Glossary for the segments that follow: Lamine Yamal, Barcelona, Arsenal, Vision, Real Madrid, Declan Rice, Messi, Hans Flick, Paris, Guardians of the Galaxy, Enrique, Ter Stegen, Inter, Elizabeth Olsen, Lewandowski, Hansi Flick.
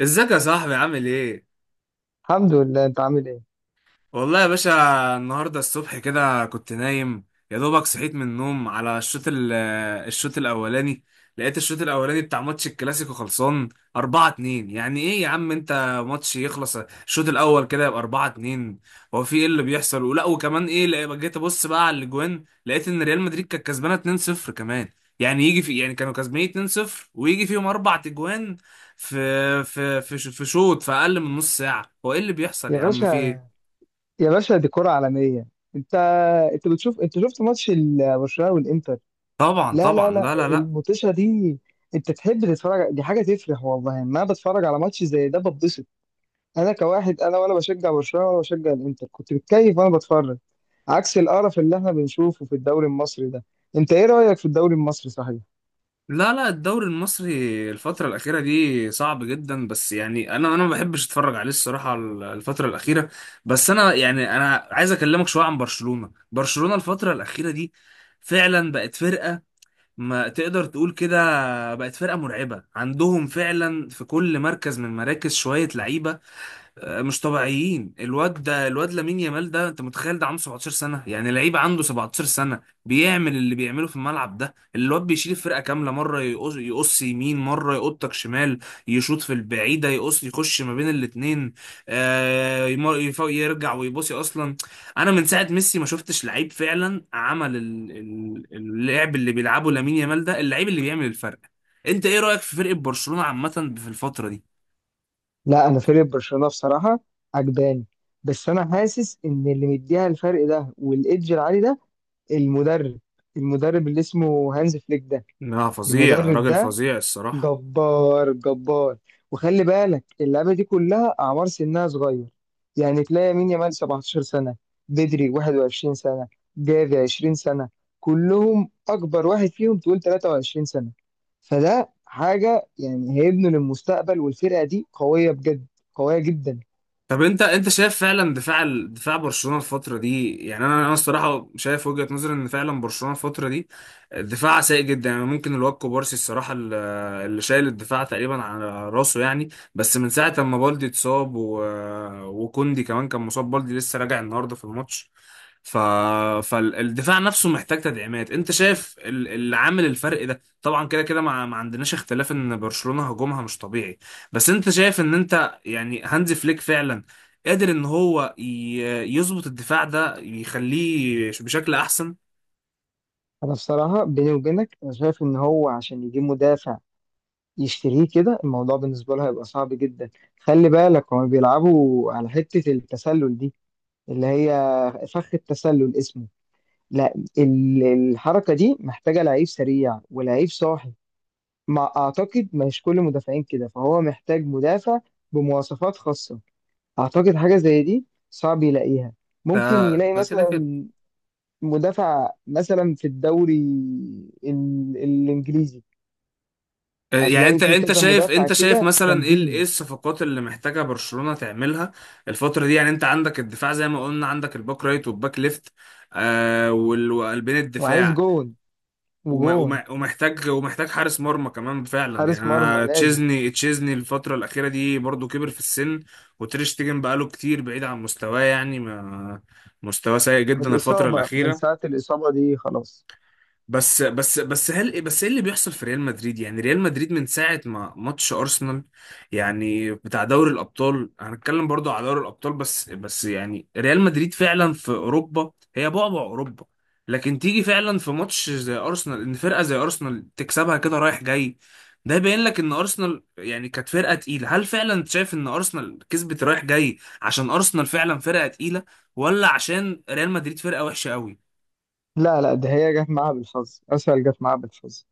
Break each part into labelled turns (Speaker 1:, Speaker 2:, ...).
Speaker 1: ازيك يا صاحبي؟ عامل ايه؟
Speaker 2: الحمد لله انت عامل ايه.
Speaker 1: والله يا باشا، النهارده الصبح كده كنت نايم، يا دوبك صحيت من النوم على الشوط الاولاني. لقيت الشوط الاولاني بتاع ماتش الكلاسيكو خلصان 4-2، يعني ايه يا عم انت؟ ماتش يخلص الشوط الاول كده يبقى 4-2؟ هو في ايه اللي بيحصل؟ ولا وكمان ايه؟ جيت ابص بقى على الاجوان، لقيت ان ريال مدريد كانت كسبانه 2-0 كمان، يعني يجي في يعني كانوا كسبانين 2-0 ويجي فيهم اربع اجوان في شوط، في اقل من نص ساعه. هو ايه اللي بيحصل
Speaker 2: يا
Speaker 1: يا عم؟
Speaker 2: باشا،
Speaker 1: في ايه؟
Speaker 2: يا باشا، دي كرة عالمية. انت انت بتشوف، انت شفت ماتش برشلونة والانتر؟
Speaker 1: طبعا
Speaker 2: لا، لا،
Speaker 1: طبعا،
Speaker 2: لا،
Speaker 1: لا لا لا.
Speaker 2: الموتوشة دي انت تحب تتفرج، دي حاجة تفرح، والله ما بتفرج على ماتش زي ده بتبسط. انا كواحد، انا ولا بشجع برشلونة ولا بشجع الانتر، كنت بتكيف وانا بتفرج. عكس القرف اللي احنا بنشوفه في الدوري المصري ده. انت ايه رأيك في الدوري المصري صحيح؟
Speaker 1: لا لا، الدوري المصري الفترة الأخيرة دي صعب جدا، بس يعني أنا ما بحبش أتفرج عليه الصراحة الفترة الأخيرة. بس أنا يعني أنا عايز أكلمك شوية عن برشلونة الفترة الأخيرة دي فعلا بقت فرقة، ما تقدر تقول كده، بقت فرقة مرعبة. عندهم فعلا في كل مركز من مراكز شوية لعيبة. آه، مش طبيعيين. الواد لامين يامال ده، انت متخيل ده عنده 17 سنه؟ يعني لعيب عنده 17 سنه بيعمل اللي بيعمله في الملعب ده؟ الواد بيشيل الفرقه كامله، مره يقص يمين، مره يقطك شمال، يشوط في البعيده، يقص، يخش ما بين الاتنين. آه، يرجع ويباصي اصلا. انا من ساعه ميسي ما شفتش لعيب فعلا عمل اللعب اللي بيلعبه لامين يامال ده، اللعيب اللي بيعمل الفرق. انت ايه رايك في فرقه برشلونه عامه في الفتره دي؟
Speaker 2: لا، انا فريق برشلونة بصراحة عجباني. بس انا حاسس ان اللي مديها الفرق ده والايدج العالي ده المدرب المدرب اللي اسمه هانز فليك ده،
Speaker 1: لا، فظيع،
Speaker 2: المدرب
Speaker 1: راجل
Speaker 2: ده
Speaker 1: فظيع الصراحة.
Speaker 2: جبار، جبار. وخلي بالك اللعبة دي كلها أعمار سنها صغير. يعني تلاقي يمين يامال 17 سنة، بدري 21 سنة، جافي 20 سنة، كلهم أكبر واحد فيهم تقول 23 سنة. فده حاجة، يعني هيبنوا للمستقبل، والفرقة دي قوية بجد، قوية جدا.
Speaker 1: طب انت شايف فعلا دفاع برشلونة الفترة دي، يعني انا الصراحة شايف وجهة نظري ان فعلا برشلونة الفترة دي دفاعها سيء جدا. يعني ممكن الواد كوبارسي الصراحة اللي شايل الدفاع تقريبا على راسه يعني. بس من ساعة ما بالدي اتصاب وكوندي كمان كان مصاب. بالدي لسه راجع النهارده في الماتش، ف... فالدفاع نفسه محتاج تدعيمات. انت شايف اللي عامل الفرق ده، طبعا كده كده ما عندناش اختلاف ان برشلونة هجومها مش طبيعي. بس انت شايف ان انت يعني هانزي فليك فعلا قادر ان هو يظبط الدفاع ده، يخليه بشكل احسن؟
Speaker 2: أنا بصراحة بيني وبينك أنا شايف إن هو عشان يجيب مدافع يشتريه كده الموضوع بالنسبة له هيبقى صعب جدا. خلي بالك هما بيلعبوا على حتة التسلل دي، اللي هي فخ التسلل اسمه. لا ال- الحركة دي محتاجة لعيب سريع ولعيب صاحي. ما أعتقد مش كل المدافعين كده، فهو محتاج مدافع بمواصفات خاصة. أعتقد حاجة زي دي صعب يلاقيها.
Speaker 1: ده
Speaker 2: ممكن يلاقي
Speaker 1: ده كده كده.
Speaker 2: مثلا مدافع مثلا في الدوري الإنجليزي،
Speaker 1: آه، يعني
Speaker 2: هتلاقي
Speaker 1: انت
Speaker 2: فيه
Speaker 1: انت
Speaker 2: كذا
Speaker 1: شايف
Speaker 2: مدافع
Speaker 1: انت شايف
Speaker 2: كده
Speaker 1: مثلا ايه ايه
Speaker 2: جامدين.
Speaker 1: الصفقات اللي محتاجه برشلونة تعملها الفترة دي؟ يعني انت عندك الدفاع زي ما قلنا، عندك الباك رايت والباك ليفت، آه، وقلبين
Speaker 2: وعايز
Speaker 1: الدفاع،
Speaker 2: جون،
Speaker 1: وم-
Speaker 2: وجون
Speaker 1: وم- ومحتاج ومحتاج حارس مرمى كمان فعلا. يعني
Speaker 2: حارس مرمى
Speaker 1: انا
Speaker 2: لازم.
Speaker 1: تشيزني الفتره الاخيره دي برضو كبر في السن، وتريش تيجن بقاله كتير بعيد عن مستواه يعني، ما مستواه سيء
Speaker 2: من
Speaker 1: جدا الفتره
Speaker 2: الإصابة، من
Speaker 1: الاخيره.
Speaker 2: ساعة الإصابة دي خلاص.
Speaker 1: بس هل بس ايه اللي بيحصل في ريال مدريد؟ يعني ريال مدريد من ساعه ما ماتش ارسنال، يعني بتاع دوري الابطال، هنتكلم برضو على دوري الابطال. بس يعني ريال مدريد فعلا في اوروبا هي بعبع اوروبا، لكن تيجي فعلا في ماتش زي ارسنال ان فرقه زي ارسنال تكسبها كده رايح جاي؟ ده يبين لك ان ارسنال يعني كانت فرقه تقيله. هل فعلا شايف ان ارسنال كسبت رايح جاي عشان ارسنال فعلا فرقه تقيله، ولا عشان ريال مدريد فرقه وحشه قوي؟
Speaker 2: لا، لا، ده هي جت معاها بالحظ، أسهل، جت معاها بالحظ.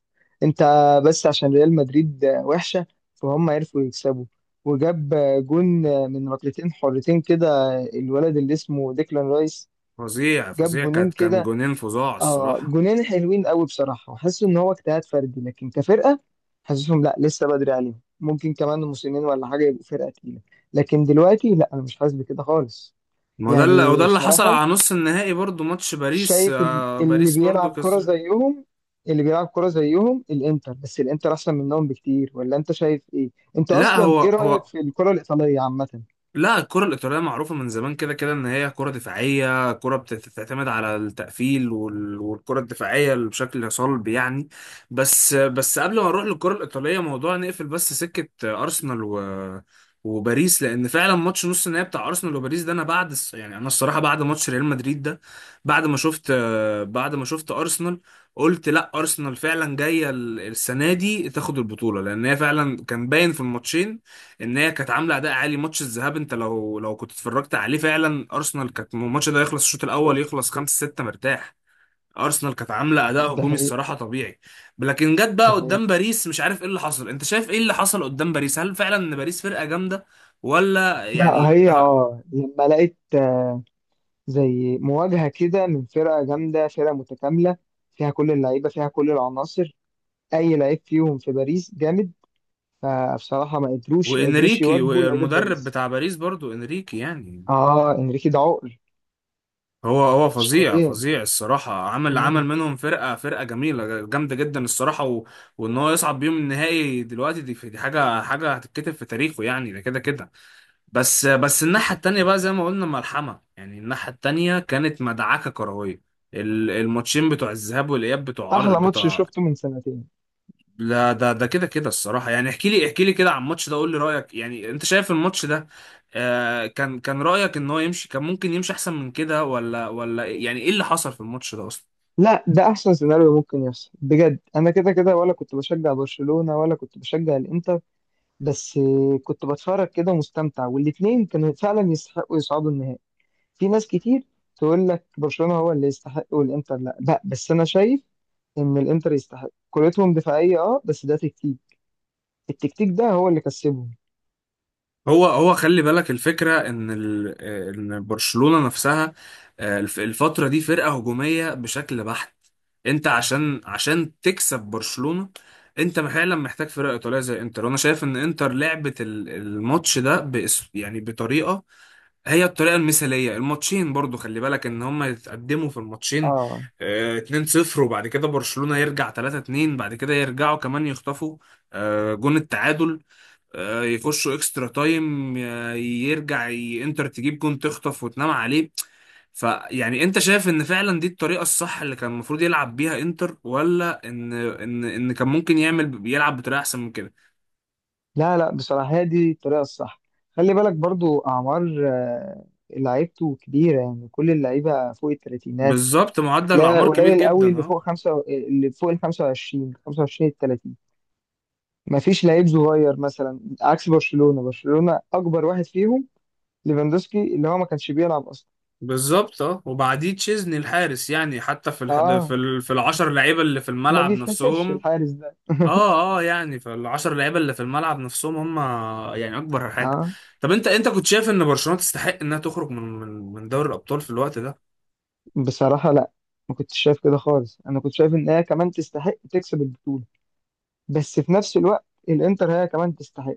Speaker 2: أنت بس عشان ريال مدريد وحشة فهم عرفوا يكسبوا. وجاب جون من ركلتين حرتين كده الولد اللي اسمه ديكلان رايس.
Speaker 1: فظيع
Speaker 2: جاب
Speaker 1: فظيع،
Speaker 2: جونين
Speaker 1: كان
Speaker 2: كده،
Speaker 1: جونين فظاع
Speaker 2: اه،
Speaker 1: الصراحة.
Speaker 2: جونين حلوين قوي بصراحة. وحاسس ان هو اجتهاد فردي، لكن كفرقة حاسسهم لا، لسه بدري عليهم، ممكن كمان موسمين ولا حاجة يبقوا فرقة تقيلة. لكن دلوقتي لا، انا مش حاسس بكده خالص.
Speaker 1: ما ده اللي
Speaker 2: يعني
Speaker 1: وده اللي حصل
Speaker 2: بصراحة
Speaker 1: على نص النهائي برضو. ماتش باريس،
Speaker 2: شايف
Speaker 1: آه،
Speaker 2: اللي
Speaker 1: باريس برضو
Speaker 2: بيلعب كرة
Speaker 1: كسر.
Speaker 2: زيهم، اللي بيلعب كرة زيهم الانتر، بس الانتر احسن منهم بكتير، ولا انت شايف ايه؟ انت
Speaker 1: لا،
Speaker 2: اصلا
Speaker 1: هو
Speaker 2: ايه رأيك
Speaker 1: هو
Speaker 2: في الكرة الإيطالية عامة؟
Speaker 1: لا، الكرة الإيطالية معروفة من زمان كده كده إن هي كرة دفاعية، كرة بتعتمد على التقفيل والكرة الدفاعية اللي بشكل صلب يعني. بس قبل ما نروح للكرة الإيطالية، موضوع نقفل بس سكة أرسنال و وباريس، لأن فعلا ماتش نص النهائي بتاع أرسنال وباريس ده، أنا بعد يعني أنا الصراحة بعد ماتش ريال مدريد ده، بعد ما شفت بعد ما شفت أرسنال، قلت لا، أرسنال فعلا جاية السنة دي تاخد البطولة، لأن هي فعلا كان باين في الماتشين ان هي كانت عامله اداء عالي. ماتش الذهاب انت لو كنت اتفرجت عليه، فعلا ارسنال كانت الماتش ده يخلص الشوط الاول
Speaker 2: شفت؟
Speaker 1: يخلص 5-6 مرتاح. ارسنال كانت عامله اداء
Speaker 2: ده
Speaker 1: هجومي
Speaker 2: حقيقي،
Speaker 1: الصراحه طبيعي، لكن جت بقى
Speaker 2: ده حقيقي.
Speaker 1: قدام باريس مش عارف ايه اللي حصل. انت شايف ايه اللي حصل قدام باريس؟ هل فعلا ان باريس فرقه جامده، ولا
Speaker 2: لا
Speaker 1: يعني
Speaker 2: هي اه، لما لقيت زي مواجهة كده من فرقة جامدة، فرقة متكاملة، فيها كل اللعيبة، فيها كل العناصر، أي لعيب فيهم في باريس جامد. فبصراحة ما قدروش
Speaker 1: وانريكي
Speaker 2: يواجبوا لعيبة
Speaker 1: والمدرب
Speaker 2: باريس.
Speaker 1: بتاع باريس برضو. انريكي يعني
Speaker 2: آه، إنريكي ده عقر،
Speaker 1: هو
Speaker 2: مش
Speaker 1: فظيع
Speaker 2: طبيعي.
Speaker 1: فظيع الصراحة، عمل
Speaker 2: مم.
Speaker 1: منهم فرقة جميلة جامدة جدا الصراحة وإن هو يصعد بيهم النهائي دلوقتي، دي حاجة هتتكتب في تاريخه يعني، ده كده كده. بس الناحية التانية بقى زي ما قلنا ملحمة، يعني الناحية التانية كانت مدعكة كروية. الماتشين بتوع الذهاب والإياب بتوع أر...
Speaker 2: أحلى ماتش
Speaker 1: بتوع
Speaker 2: شفته من سنتين.
Speaker 1: لا، ده كده كده الصراحة. يعني احكي لي كده عن الماتش ده، قول لي رأيك. يعني انت شايف الماتش ده، آه، كان رأيك ان هو يمشي، كان ممكن يمشي احسن من كده، ولا يعني ايه اللي حصل في الماتش ده اصلا؟
Speaker 2: لا، ده أحسن سيناريو ممكن يحصل بجد. أنا كده كده ولا كنت بشجع برشلونة ولا كنت بشجع الإنتر، بس كنت بتفرج كده ومستمتع، والاتنين كانوا فعلا يستحقوا يصعدوا النهائي. في ناس كتير تقول لك برشلونة هو اللي يستحق والانتر لا، بقى بس انا شايف ان الانتر يستحق، كورتهم دفاعية اه، بس ده تكتيك، التكتيك ده هو اللي كسبهم.
Speaker 1: هو خلي بالك الفكرة ان ال آه، ان برشلونة نفسها آه، الفترة دي فرقة هجومية بشكل بحت. انت عشان تكسب برشلونة انت فعلا محتاج فرقة ايطالية زي انتر، وانا شايف ان انتر لعبت الماتش ده بأس يعني بطريقة، هي الطريقة المثالية. الماتشين برضو خلي بالك ان هما يتقدموا في الماتشين
Speaker 2: اه،
Speaker 1: آه، 2-0 وبعد كده برشلونة يرجع 3-2، بعد كده يرجعوا كمان يخطفوا آه، جون التعادل، آه، يخشوا اكسترا تايم، آه، يرجع انتر تجيب جون، تخطف وتنام عليه. فيعني انت شايف ان فعلا دي الطريقة الصح اللي كان المفروض يلعب بيها انتر، ولا ان كان ممكن يعمل يلعب بطريقة احسن من كده؟
Speaker 2: لا، لا، بصراحة هي دي الطريقة الصح. خلي بالك برضو اعمار، لعيبته كبيرة، يعني كل اللعيبة فوق الثلاثينات.
Speaker 1: بالظبط، معدل
Speaker 2: تلاقي
Speaker 1: الاعمار كبير
Speaker 2: قليل قوي
Speaker 1: جدا،
Speaker 2: اللي
Speaker 1: اه.
Speaker 2: فوق خمسة، اللي فوق ال 25، 25 ال 30. مفيش لعيب صغير مثلا، عكس برشلونة، برشلونة اكبر واحد فيهم ليفاندوسكي اللي هو ما كانش بيلعب اصلا.
Speaker 1: بالظبط، اه وبعديه تشيزني الحارس يعني حتى
Speaker 2: اه،
Speaker 1: في العشر لعيبه اللي في
Speaker 2: ما
Speaker 1: الملعب
Speaker 2: بيتحسبش
Speaker 1: نفسهم.
Speaker 2: الحارس ده.
Speaker 1: اه اه، يعني في العشر لعيبه اللي في الملعب نفسهم هم، يعني اكبر حاجه.
Speaker 2: اه،
Speaker 1: طب انت كنت شايف ان برشلونه تستحق انها تخرج من دوري الابطال في الوقت ده؟
Speaker 2: بصراحة لا، ما كنتش شايف كده خالص. انا كنت شايف ان هي كمان تستحق تكسب البطولة، بس في نفس الوقت الانتر هي كمان تستحق.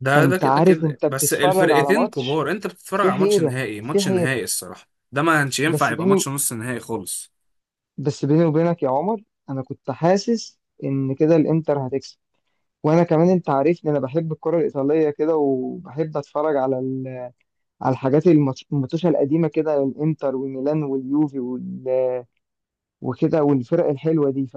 Speaker 1: ده
Speaker 2: فانت
Speaker 1: كده
Speaker 2: عارف
Speaker 1: كده،
Speaker 2: انت
Speaker 1: بس
Speaker 2: بتتفرج على
Speaker 1: الفرقتين
Speaker 2: ماتش
Speaker 1: كبار. انت بتتفرج
Speaker 2: في
Speaker 1: على ماتش
Speaker 2: حيرة،
Speaker 1: نهائي،
Speaker 2: في
Speaker 1: ماتش
Speaker 2: حيرة.
Speaker 1: نهائي الصراحه. ده ما كانش ينفع
Speaker 2: بس
Speaker 1: يبقى
Speaker 2: بيني
Speaker 1: ماتش نص نهائي خالص.
Speaker 2: بس بيني وبينك يا عمر، انا كنت حاسس ان كده الانتر هتكسب. وانا كمان انت عارفني انا بحب الكرة الايطالية كده، وبحب اتفرج على على الحاجات، الماتشات القديمة كده، الانتر والميلان واليوفي وكده والفرق الحلوه دي،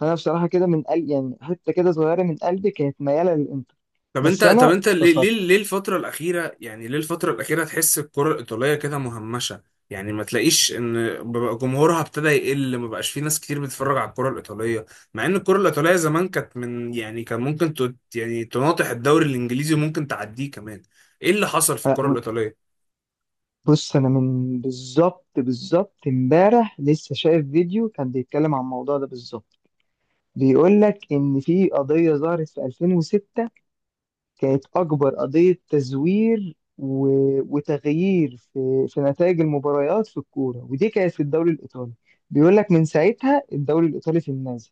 Speaker 2: فانا بصراحه كده من قلب، يعني حته كده صغيره من قلبي كانت مياله للانتر.
Speaker 1: طب انت،
Speaker 2: بس انا
Speaker 1: ليه،
Speaker 2: اتبسطت.
Speaker 1: الفترة الأخيرة يعني ليه الفترة الأخيرة تحس الكرة الإيطالية كده مهمشة؟ يعني ما تلاقيش إن بقى جمهورها ابتدى يقل، ما بقاش في ناس كتير بتتفرج على الكرة الإيطالية، مع إن الكرة الإيطالية زمان كانت من، يعني كان ممكن يعني تناطح الدوري الإنجليزي وممكن تعديه كمان. إيه اللي حصل في
Speaker 2: أ-
Speaker 1: الكرة الإيطالية؟
Speaker 2: بص انا من بالظبط، بالظبط امبارح لسه شايف فيديو كان بيتكلم عن الموضوع ده بالظبط. بيقول لك ان في قضيه ظهرت في 2006، كانت اكبر قضيه تزوير وتغيير في نتائج المباريات في الكوره، ودي كانت في الدوري الايطالي. بيقول لك من ساعتها الدوري الايطالي في النازل.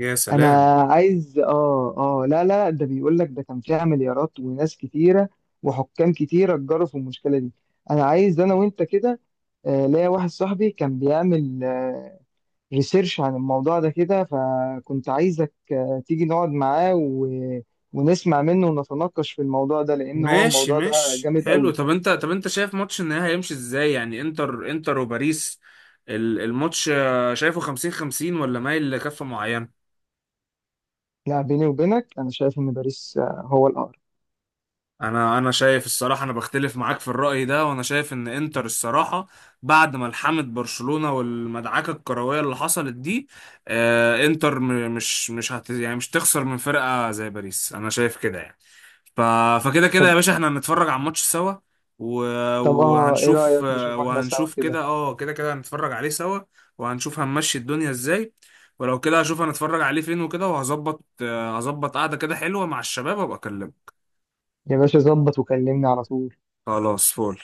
Speaker 1: يا
Speaker 2: انا
Speaker 1: سلام.
Speaker 2: عايز، اه لا، لا، ده بيقول لك ده كان فيها مليارات وناس كتيره وحكام كتيره اتجروا في المشكله دي. انا عايز انا وانت كده، ليا واحد صاحبي كان بيعمل ريسيرش عن الموضوع ده كده، فكنت عايزك تيجي نقعد معاه ونسمع منه ونتناقش في الموضوع ده، لان هو
Speaker 1: ماشي
Speaker 2: الموضوع ده
Speaker 1: ماشي،
Speaker 2: جامد
Speaker 1: حلو.
Speaker 2: قوي.
Speaker 1: طب انت، شايف ماتش النهائي هيمشي ازاي؟ يعني انتر وباريس. الماتش آه، شايفه 50-50 ولا مايل لكفة معينة؟
Speaker 2: لا، بيني وبينك انا شايف ان باريس هو الاقرب.
Speaker 1: انا شايف الصراحه، انا بختلف معاك في الراي ده، وانا شايف ان انتر الصراحه بعد ما لحمت برشلونه والمدعكه الكرويه اللي حصلت دي آه، انتر م- مش مش هت يعني مش تخسر من فرقه زي باريس، انا شايف كده يعني. ف فكده كده يا
Speaker 2: طب،
Speaker 1: باشا، احنا هنتفرج على الماتش سوا و...
Speaker 2: ايه
Speaker 1: وهنشوف،
Speaker 2: رايك نشوف احنا سوا كده؟
Speaker 1: كده كده كده هنتفرج عليه سوا، وهنشوف هنمشي الدنيا ازاي. ولو كده هشوف هنتفرج عليه فين وكده، وهظبط آه، هظبط قعده كده حلوه مع الشباب، وابقى اكلمك.
Speaker 2: يا باشا ظبط وكلمني على طول.
Speaker 1: خلاص، فول.